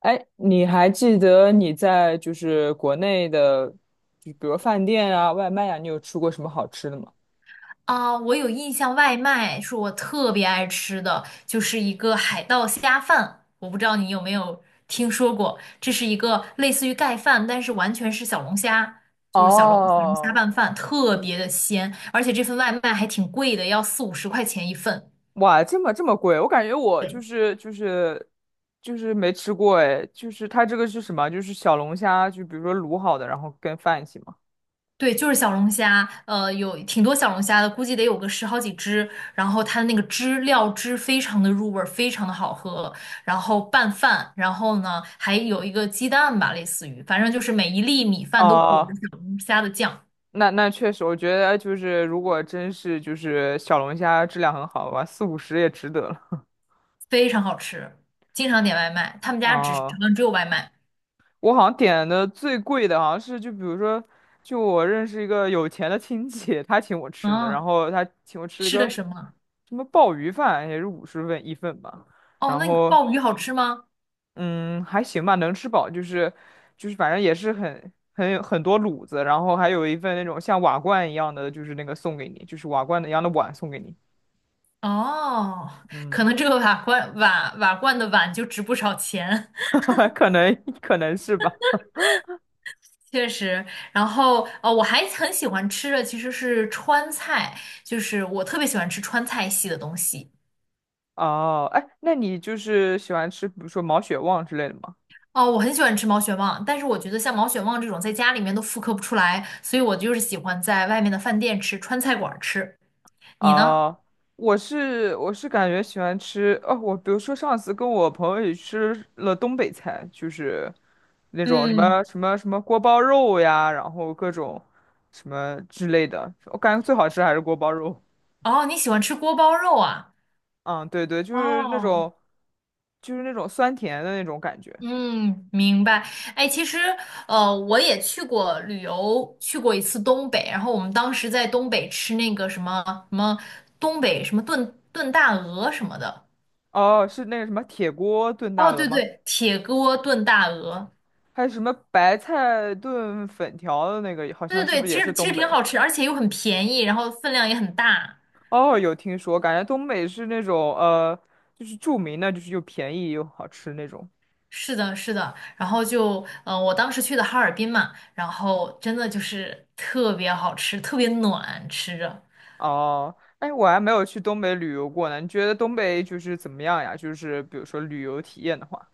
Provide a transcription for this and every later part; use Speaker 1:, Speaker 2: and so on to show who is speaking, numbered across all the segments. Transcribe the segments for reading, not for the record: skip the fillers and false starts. Speaker 1: 哎，你还记得你在就是国内的，就比如饭店啊、外卖啊，你有吃过什么好吃的吗？
Speaker 2: 啊，我有印象，外卖是我特别爱吃的，就是一个海盗虾饭。我不知道你有没有听说过，这是一个类似于盖饭，但是完全是小龙虾，就是小龙虾
Speaker 1: 哦，
Speaker 2: 拌饭，特别的鲜，而且这份外卖还挺贵的，要四五十块钱一份。
Speaker 1: 哇，这么贵，我感觉我没吃过哎，就是它这个是什么？就是小龙虾，就比如说卤好的，然后跟饭一起吗？
Speaker 2: 对，就是小龙虾，有挺多小龙虾的，估计得有个十好几只。然后它的那个汁料汁非常的入味儿，非常的好喝。然后拌饭，然后呢还有一个鸡蛋吧，类似于，反正就是每一粒米饭都裹着
Speaker 1: 哦，
Speaker 2: 小龙虾的酱，
Speaker 1: 那确实，我觉得就是如果真是就是小龙虾质量很好吧，四五十也值得了。
Speaker 2: 非常好吃。经常点外卖，他们家只只
Speaker 1: 哦。
Speaker 2: 能只有外卖。
Speaker 1: 我好像点的最贵的，好像是就比如说，就我认识一个有钱的亲戚，他请我吃的，然
Speaker 2: 嗯，
Speaker 1: 后他请我吃了一
Speaker 2: 吃
Speaker 1: 个
Speaker 2: 的什么？
Speaker 1: 什么鲍鱼饭，也是五十份一份吧，
Speaker 2: 哦，
Speaker 1: 然
Speaker 2: 那你
Speaker 1: 后
Speaker 2: 鲍鱼好吃吗？
Speaker 1: 嗯还行吧，能吃饱，就是反正也是很多卤子，然后还有一份那种像瓦罐一样的，就是那个送给你，就是瓦罐一样的碗送给你，
Speaker 2: 哦，可
Speaker 1: 嗯，
Speaker 2: 能这个瓦罐的碗就值不少钱。
Speaker 1: 可能可能是吧。
Speaker 2: 确实，然后我还很喜欢吃的其实是川菜，就是我特别喜欢吃川菜系的东西。
Speaker 1: 哦，哎，那你就是喜欢吃，比如说毛血旺之类的吗？
Speaker 2: 哦，我很喜欢吃毛血旺，但是我觉得像毛血旺这种在家里面都复刻不出来，所以我就是喜欢在外面的饭店吃，川菜馆儿吃。你呢？
Speaker 1: 啊，我是感觉喜欢吃哦，我比如说上次跟我朋友一起吃了东北菜，就是那种什
Speaker 2: 嗯，
Speaker 1: 么什么什么锅包肉呀，然后各种什么之类的，我感觉最好吃还是锅包肉。
Speaker 2: 哦，你喜欢吃锅包肉啊？
Speaker 1: 嗯，对对，就是那
Speaker 2: 哦。
Speaker 1: 种酸甜的那种感觉。
Speaker 2: 嗯，明白。哎，其实，我也去过旅游，去过一次东北。然后我们当时在东北吃那个什么什么东北什么炖大鹅什么的。
Speaker 1: 哦，是那个什么铁锅炖大
Speaker 2: 哦，
Speaker 1: 鹅
Speaker 2: 对
Speaker 1: 吗？
Speaker 2: 对，铁锅炖大鹅。
Speaker 1: 还有什么白菜炖粉条的那个，好
Speaker 2: 对
Speaker 1: 像
Speaker 2: 对
Speaker 1: 是不
Speaker 2: 对，
Speaker 1: 是也
Speaker 2: 其
Speaker 1: 是
Speaker 2: 实其实
Speaker 1: 东
Speaker 2: 挺
Speaker 1: 北？
Speaker 2: 好吃，而且又很便宜，然后分量也很大。
Speaker 1: 哦，有听说，感觉东北是那种就是著名的，就是又便宜又好吃那种。
Speaker 2: 是的，是的。然后就，我当时去的哈尔滨嘛，然后真的就是特别好吃，特别暖，吃着。
Speaker 1: 哦，哎，我还没有去东北旅游过呢。你觉得东北就是怎么样呀？就是比如说旅游体验的话，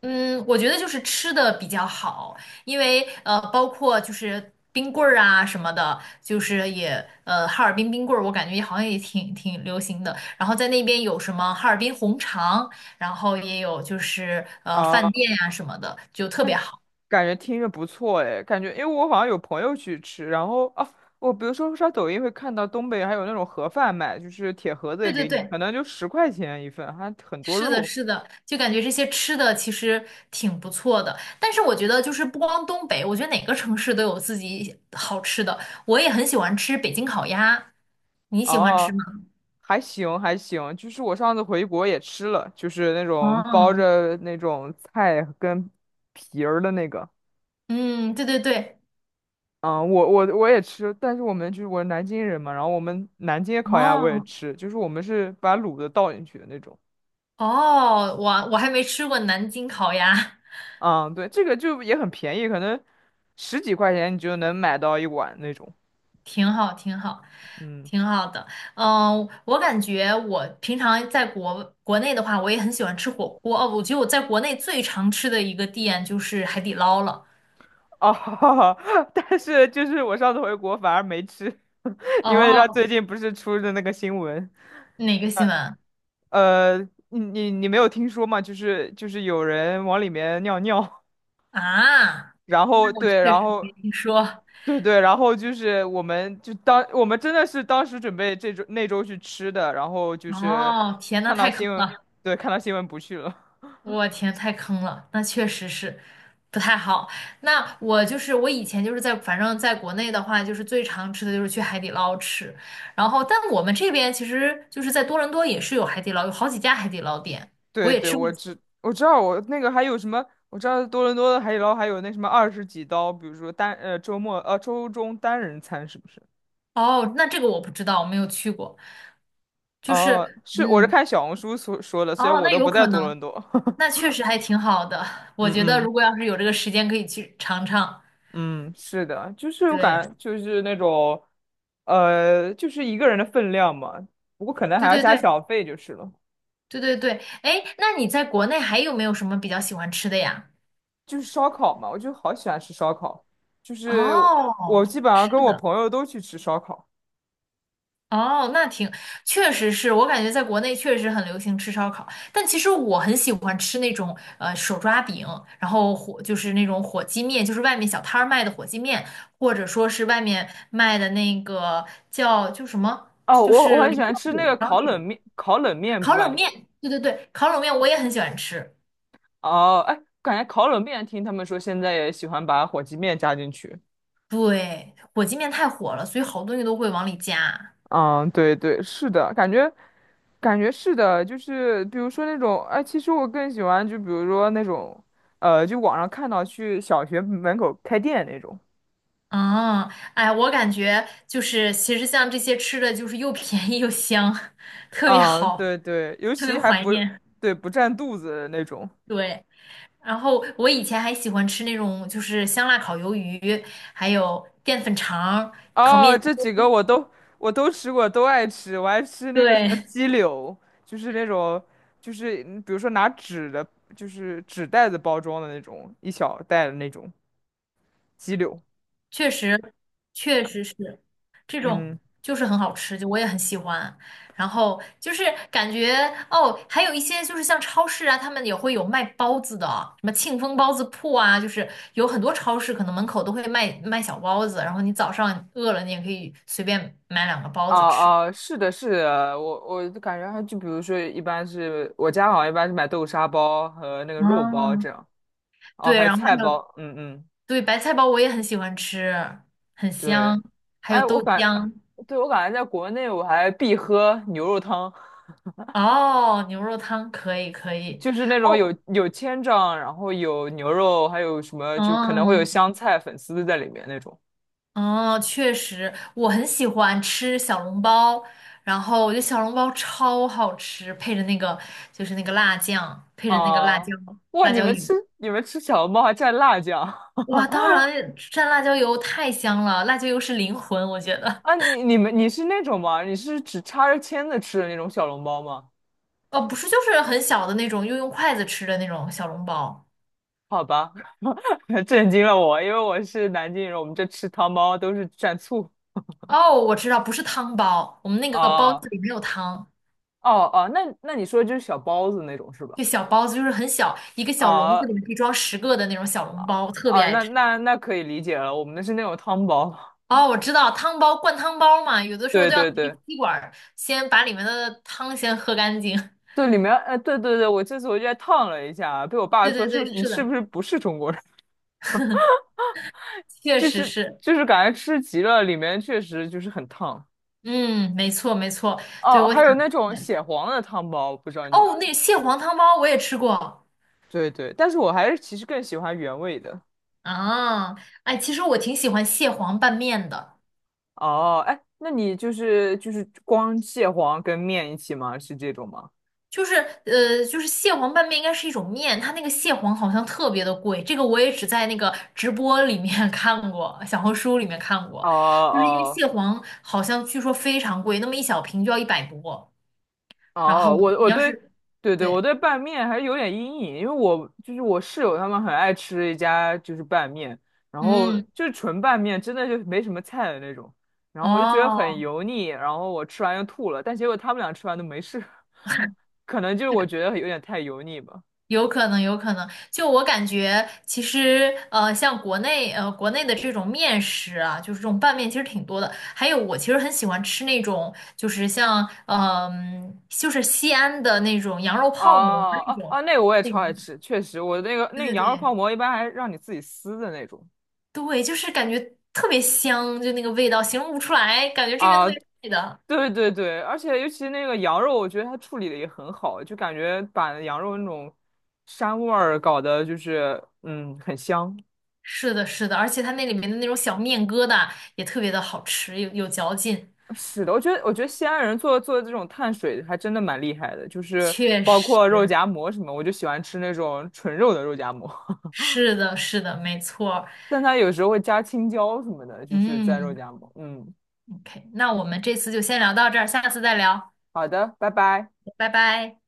Speaker 2: 嗯，我觉得就是吃的比较好，因为包括就是冰棍儿啊什么的，就是也哈尔滨冰棍儿，我感觉好像也挺流行的。然后在那边有什么哈尔滨红肠，然后也有就是
Speaker 1: 啊，
Speaker 2: 饭店呀、什么的，就特别
Speaker 1: 哎
Speaker 2: 好。
Speaker 1: 感觉听着不错哎，感觉因为我好像有朋友去吃，然后啊，我比如说刷抖音会看到东北还有那种盒饭卖，就是铁盒子
Speaker 2: 对对
Speaker 1: 给你，
Speaker 2: 对，
Speaker 1: 可能就10块钱一份，还很多
Speaker 2: 是的，
Speaker 1: 肉。
Speaker 2: 是的，就感觉这些吃的其实挺不错的。但是我觉得就是不光东北，我觉得哪个城市都有自己好吃的。我也很喜欢吃北京烤鸭，你喜欢吃
Speaker 1: 哦，
Speaker 2: 吗？
Speaker 1: 还行还行，就是我上次回国也吃了，就是那种包
Speaker 2: 哦，
Speaker 1: 着那种菜跟皮儿的那个。
Speaker 2: 嗯，对对对，
Speaker 1: 嗯，我也吃，但是我们就是我是南京人嘛，然后我们南京烤鸭我也
Speaker 2: 哦，
Speaker 1: 吃，就是我们是把卤的倒进去的那种。
Speaker 2: 哦，我我还没吃过南京烤鸭，
Speaker 1: 嗯，对，这个就也很便宜，可能十几块钱你就能买到一碗那种。
Speaker 2: 挺好，挺好，
Speaker 1: 嗯，
Speaker 2: 挺好的。嗯，我感觉我平常在国内的话，我也很喜欢吃火锅。哦，我觉得我在国内最常吃的一个店就是海底捞了。
Speaker 1: 哦，但是就是我上次回国反而没吃，因为他最
Speaker 2: 哦，
Speaker 1: 近不是出的那个新闻。
Speaker 2: 哪个新闻
Speaker 1: 呃，你没有听说吗？就是有人往里面尿尿，
Speaker 2: 啊？
Speaker 1: 然
Speaker 2: 那
Speaker 1: 后
Speaker 2: 我
Speaker 1: 对，
Speaker 2: 确
Speaker 1: 然
Speaker 2: 实
Speaker 1: 后
Speaker 2: 没听说。
Speaker 1: 对对，然后就是我们就当我们真的是当时准备这周那周去吃的，然后就是
Speaker 2: 哦，天呐，
Speaker 1: 看到
Speaker 2: 太坑
Speaker 1: 新闻，
Speaker 2: 了。
Speaker 1: 对，看到新闻不去了。
Speaker 2: 我天，太坑了，那确实是不太好。那我就是我以前就是在，反正在国内的话，就是最常吃的就是去海底捞吃。然后，但我们这边其实就是在多伦多也是有海底捞，有好几家海底捞店，我
Speaker 1: 对
Speaker 2: 也
Speaker 1: 对，
Speaker 2: 吃过。
Speaker 1: 我知道我那个还有什么，我知道多伦多的海底捞还有那什么二十几刀，比如说单周末周中单人餐是不是？
Speaker 2: 哦，那这个我不知道，我没有去过。就
Speaker 1: 哦，
Speaker 2: 是，
Speaker 1: 是我是
Speaker 2: 嗯，
Speaker 1: 看小红书所说的，虽然
Speaker 2: 哦，
Speaker 1: 我
Speaker 2: 那
Speaker 1: 都
Speaker 2: 有
Speaker 1: 不在
Speaker 2: 可
Speaker 1: 多
Speaker 2: 能，
Speaker 1: 伦多。
Speaker 2: 那确实还挺好的。我
Speaker 1: 嗯
Speaker 2: 觉得
Speaker 1: 嗯。
Speaker 2: 如果要是有这个时间，可以去尝尝。
Speaker 1: 嗯，是的，就是我
Speaker 2: 对，
Speaker 1: 感觉就是那种，就是一个人的分量嘛，不过可能还
Speaker 2: 对
Speaker 1: 要
Speaker 2: 对
Speaker 1: 加
Speaker 2: 对
Speaker 1: 小费就是了。
Speaker 2: 对对对。哎，那你在国内还有没有什么比较喜欢吃的呀？
Speaker 1: 就是烧烤嘛，我就好喜欢吃烧烤，就是我
Speaker 2: 哦，
Speaker 1: 基本上跟
Speaker 2: 是
Speaker 1: 我
Speaker 2: 的，
Speaker 1: 朋友都去吃烧烤。
Speaker 2: 哦，那挺，确实是我感觉在国内确实很流行吃烧烤，但其实我很喜欢吃那种手抓饼，然后火就是那种火鸡面，就是外面小摊儿卖的火鸡面，或者说是外面卖的那个叫就什么
Speaker 1: 哦，
Speaker 2: 驴
Speaker 1: 我
Speaker 2: 肉
Speaker 1: 很喜欢吃那
Speaker 2: 火
Speaker 1: 个
Speaker 2: 烧
Speaker 1: 烤
Speaker 2: 那
Speaker 1: 冷
Speaker 2: 种
Speaker 1: 面，烤冷面不
Speaker 2: 烤
Speaker 1: 知道
Speaker 2: 冷
Speaker 1: 你
Speaker 2: 面，对对对，烤冷面我也很喜欢吃，
Speaker 1: 哦，哎，感觉烤冷面听他们说现在也喜欢把火鸡面加进去。
Speaker 2: 对，火鸡面太火了，所以好多东西都会往里加。
Speaker 1: 嗯，对对，是的，感觉，是的，就是比如说那种，哎，其实我更喜欢，就比如说那种，就网上看到去小学门口开店那种，
Speaker 2: 啊，哎，我感觉就是，其实像这些吃的，就是又便宜又香，特别
Speaker 1: 啊，
Speaker 2: 好，
Speaker 1: 对对，尤
Speaker 2: 特别
Speaker 1: 其还
Speaker 2: 怀
Speaker 1: 不，
Speaker 2: 念。
Speaker 1: 对，不占肚子的那种。
Speaker 2: 对，然后我以前还喜欢吃那种，就是香辣烤鱿鱼，还有淀粉肠儿烤
Speaker 1: 哦，
Speaker 2: 面筋。
Speaker 1: 这几个我都吃过，都爱吃，我还吃那个什么
Speaker 2: 对，
Speaker 1: 鸡柳，就是那种，就是比如说拿纸的，就是纸袋子包装的那种，一小袋的那种鸡柳，
Speaker 2: 确实，确实是。这种
Speaker 1: 嗯。
Speaker 2: 就是很好吃，就我也很喜欢。然后就是感觉哦，还有一些就是像超市啊，他们也会有卖包子的啊，什么庆丰包子铺啊，就是有很多超市可能门口都会卖小包子，然后你早上饿了，你也可以随便买两个包
Speaker 1: 哦
Speaker 2: 子吃。
Speaker 1: 哦，是的，是的，我就感觉还就比如说，一般是我家好像一般是买豆沙包和那个肉包
Speaker 2: 嗯，
Speaker 1: 这样，哦，
Speaker 2: 对，
Speaker 1: 还有
Speaker 2: 然后还
Speaker 1: 菜
Speaker 2: 有
Speaker 1: 包，嗯嗯，
Speaker 2: 对白菜包，我也很喜欢吃，很
Speaker 1: 对，
Speaker 2: 香。还有
Speaker 1: 哎，
Speaker 2: 豆浆，
Speaker 1: 对，我感觉在国内我还必喝牛肉汤，
Speaker 2: 哦，牛肉汤可以可以，
Speaker 1: 就是那种有
Speaker 2: 哦，
Speaker 1: 有千张，然后有牛肉，还有什么就可能会有
Speaker 2: 嗯。
Speaker 1: 香菜、粉丝在里面那种。
Speaker 2: 哦，确实，我很喜欢吃小笼包，然后我觉得小笼包超好吃，配着那个就是那个辣酱，配着那个辣
Speaker 1: 啊，
Speaker 2: 椒
Speaker 1: 哇，
Speaker 2: 辣椒油，
Speaker 1: 你们吃小笼包还蘸辣酱
Speaker 2: 哇，当然蘸辣椒油太香了，辣椒油是灵魂，我觉得。
Speaker 1: 啊？你是那种吗？你是只插着签子吃的那种小笼包吗？
Speaker 2: 哦，不是，就是很小的那种，又用筷子吃的那种小笼包。
Speaker 1: 好吧，震惊了我，因为我是南京人，我们这吃汤包都是蘸醋。
Speaker 2: 哦，我知道，不是汤包，我们那个
Speaker 1: 啊，
Speaker 2: 包子
Speaker 1: 哦
Speaker 2: 里没有汤，
Speaker 1: 哦，那你说就是小包子那种是吧？
Speaker 2: 就小包子，就是很小，一个小笼子
Speaker 1: 啊
Speaker 2: 里面可以装10个的那种小笼包，我特别
Speaker 1: 啊，
Speaker 2: 爱
Speaker 1: 那
Speaker 2: 吃。
Speaker 1: 那那可以理解了，我们的是那种汤包。
Speaker 2: 哦，我知道汤包灌汤包嘛，有的 时候
Speaker 1: 对
Speaker 2: 都要
Speaker 1: 对
Speaker 2: 拿个
Speaker 1: 对，
Speaker 2: 吸管儿先把里面的汤先喝干净。
Speaker 1: 对里面，对对对，我这次回家烫了一下啊，被我爸
Speaker 2: 对
Speaker 1: 说
Speaker 2: 对
Speaker 1: 是
Speaker 2: 对，
Speaker 1: 你
Speaker 2: 是
Speaker 1: 是
Speaker 2: 的，
Speaker 1: 不是不是中国人？
Speaker 2: 确
Speaker 1: 就
Speaker 2: 实
Speaker 1: 是
Speaker 2: 是。
Speaker 1: 就是感觉吃急了，里面确实就是很烫。
Speaker 2: 嗯，没错没错。对，
Speaker 1: 哦，
Speaker 2: 我
Speaker 1: 还
Speaker 2: 想，
Speaker 1: 有那种血黄的汤包，不知道你，
Speaker 2: 哦，那个蟹黄汤包我也吃过
Speaker 1: 对对，但是我还是其实更喜欢原味的。
Speaker 2: 啊。哎，其实我挺喜欢蟹黄拌面的。
Speaker 1: 哦，哎，那你就是光蟹黄跟面一起吗？是这种吗？
Speaker 2: 就是就是蟹黄拌面应该是一种面，它那个蟹黄好像特别的贵，这个我也只在那个直播里面 看过，小红书里面看
Speaker 1: 哦
Speaker 2: 过，就是因为
Speaker 1: 哦
Speaker 2: 蟹黄好像据说非常贵，那么一小瓶就要100多，然后
Speaker 1: 哦，我
Speaker 2: 你
Speaker 1: 我
Speaker 2: 要
Speaker 1: 对
Speaker 2: 是
Speaker 1: 对，对，
Speaker 2: 对，
Speaker 1: 我对拌面还是有点阴影，因为我就是我室友他们很爱吃一家就是拌面，然后
Speaker 2: 嗯，
Speaker 1: 就是纯拌面，真的就是没什么菜的那种，然后我就觉得很
Speaker 2: 哦。
Speaker 1: 油腻，然后我吃完又吐了，但结果他们俩吃完都没事，可能就是
Speaker 2: 这
Speaker 1: 我
Speaker 2: 个。
Speaker 1: 觉得有点太油腻吧。
Speaker 2: 有可能，有可能。就我感觉，其实像国内的这种面食啊，就是这种拌面，其实挺多的。还有，我其实很喜欢吃那种，就是像嗯、就是西安的那种羊肉
Speaker 1: 哦
Speaker 2: 泡馍那
Speaker 1: 哦
Speaker 2: 种，
Speaker 1: 哦，那个我也
Speaker 2: 那
Speaker 1: 超
Speaker 2: 种，
Speaker 1: 爱吃，确实，我那个那
Speaker 2: 对
Speaker 1: 个
Speaker 2: 对
Speaker 1: 羊肉
Speaker 2: 对
Speaker 1: 泡馍一般还让你自己撕的那种
Speaker 2: 对，就是感觉特别香，就那个味道形容不出来，感觉这边都
Speaker 1: 啊，
Speaker 2: 没味的。
Speaker 1: 对对对，而且尤其那个羊肉，我觉得它处理的也很好，就感觉把羊肉那种膻味儿搞得就是很香。
Speaker 2: 是的，是的，而且它那里面的那种小面疙瘩也特别的好吃，有嚼劲，
Speaker 1: 是的，我觉得西安人做这种碳水还真的蛮厉害的，就是
Speaker 2: 确
Speaker 1: 包
Speaker 2: 实。
Speaker 1: 括肉夹馍什么，我就喜欢吃那种纯肉的肉夹馍，
Speaker 2: 是的，是的，没错。
Speaker 1: 但它有时候会加青椒什么的，就是在肉
Speaker 2: 嗯
Speaker 1: 夹馍。嗯，
Speaker 2: ，OK，那我们这次就先聊到这儿，下次再聊，
Speaker 1: 好的，拜拜。
Speaker 2: 拜拜。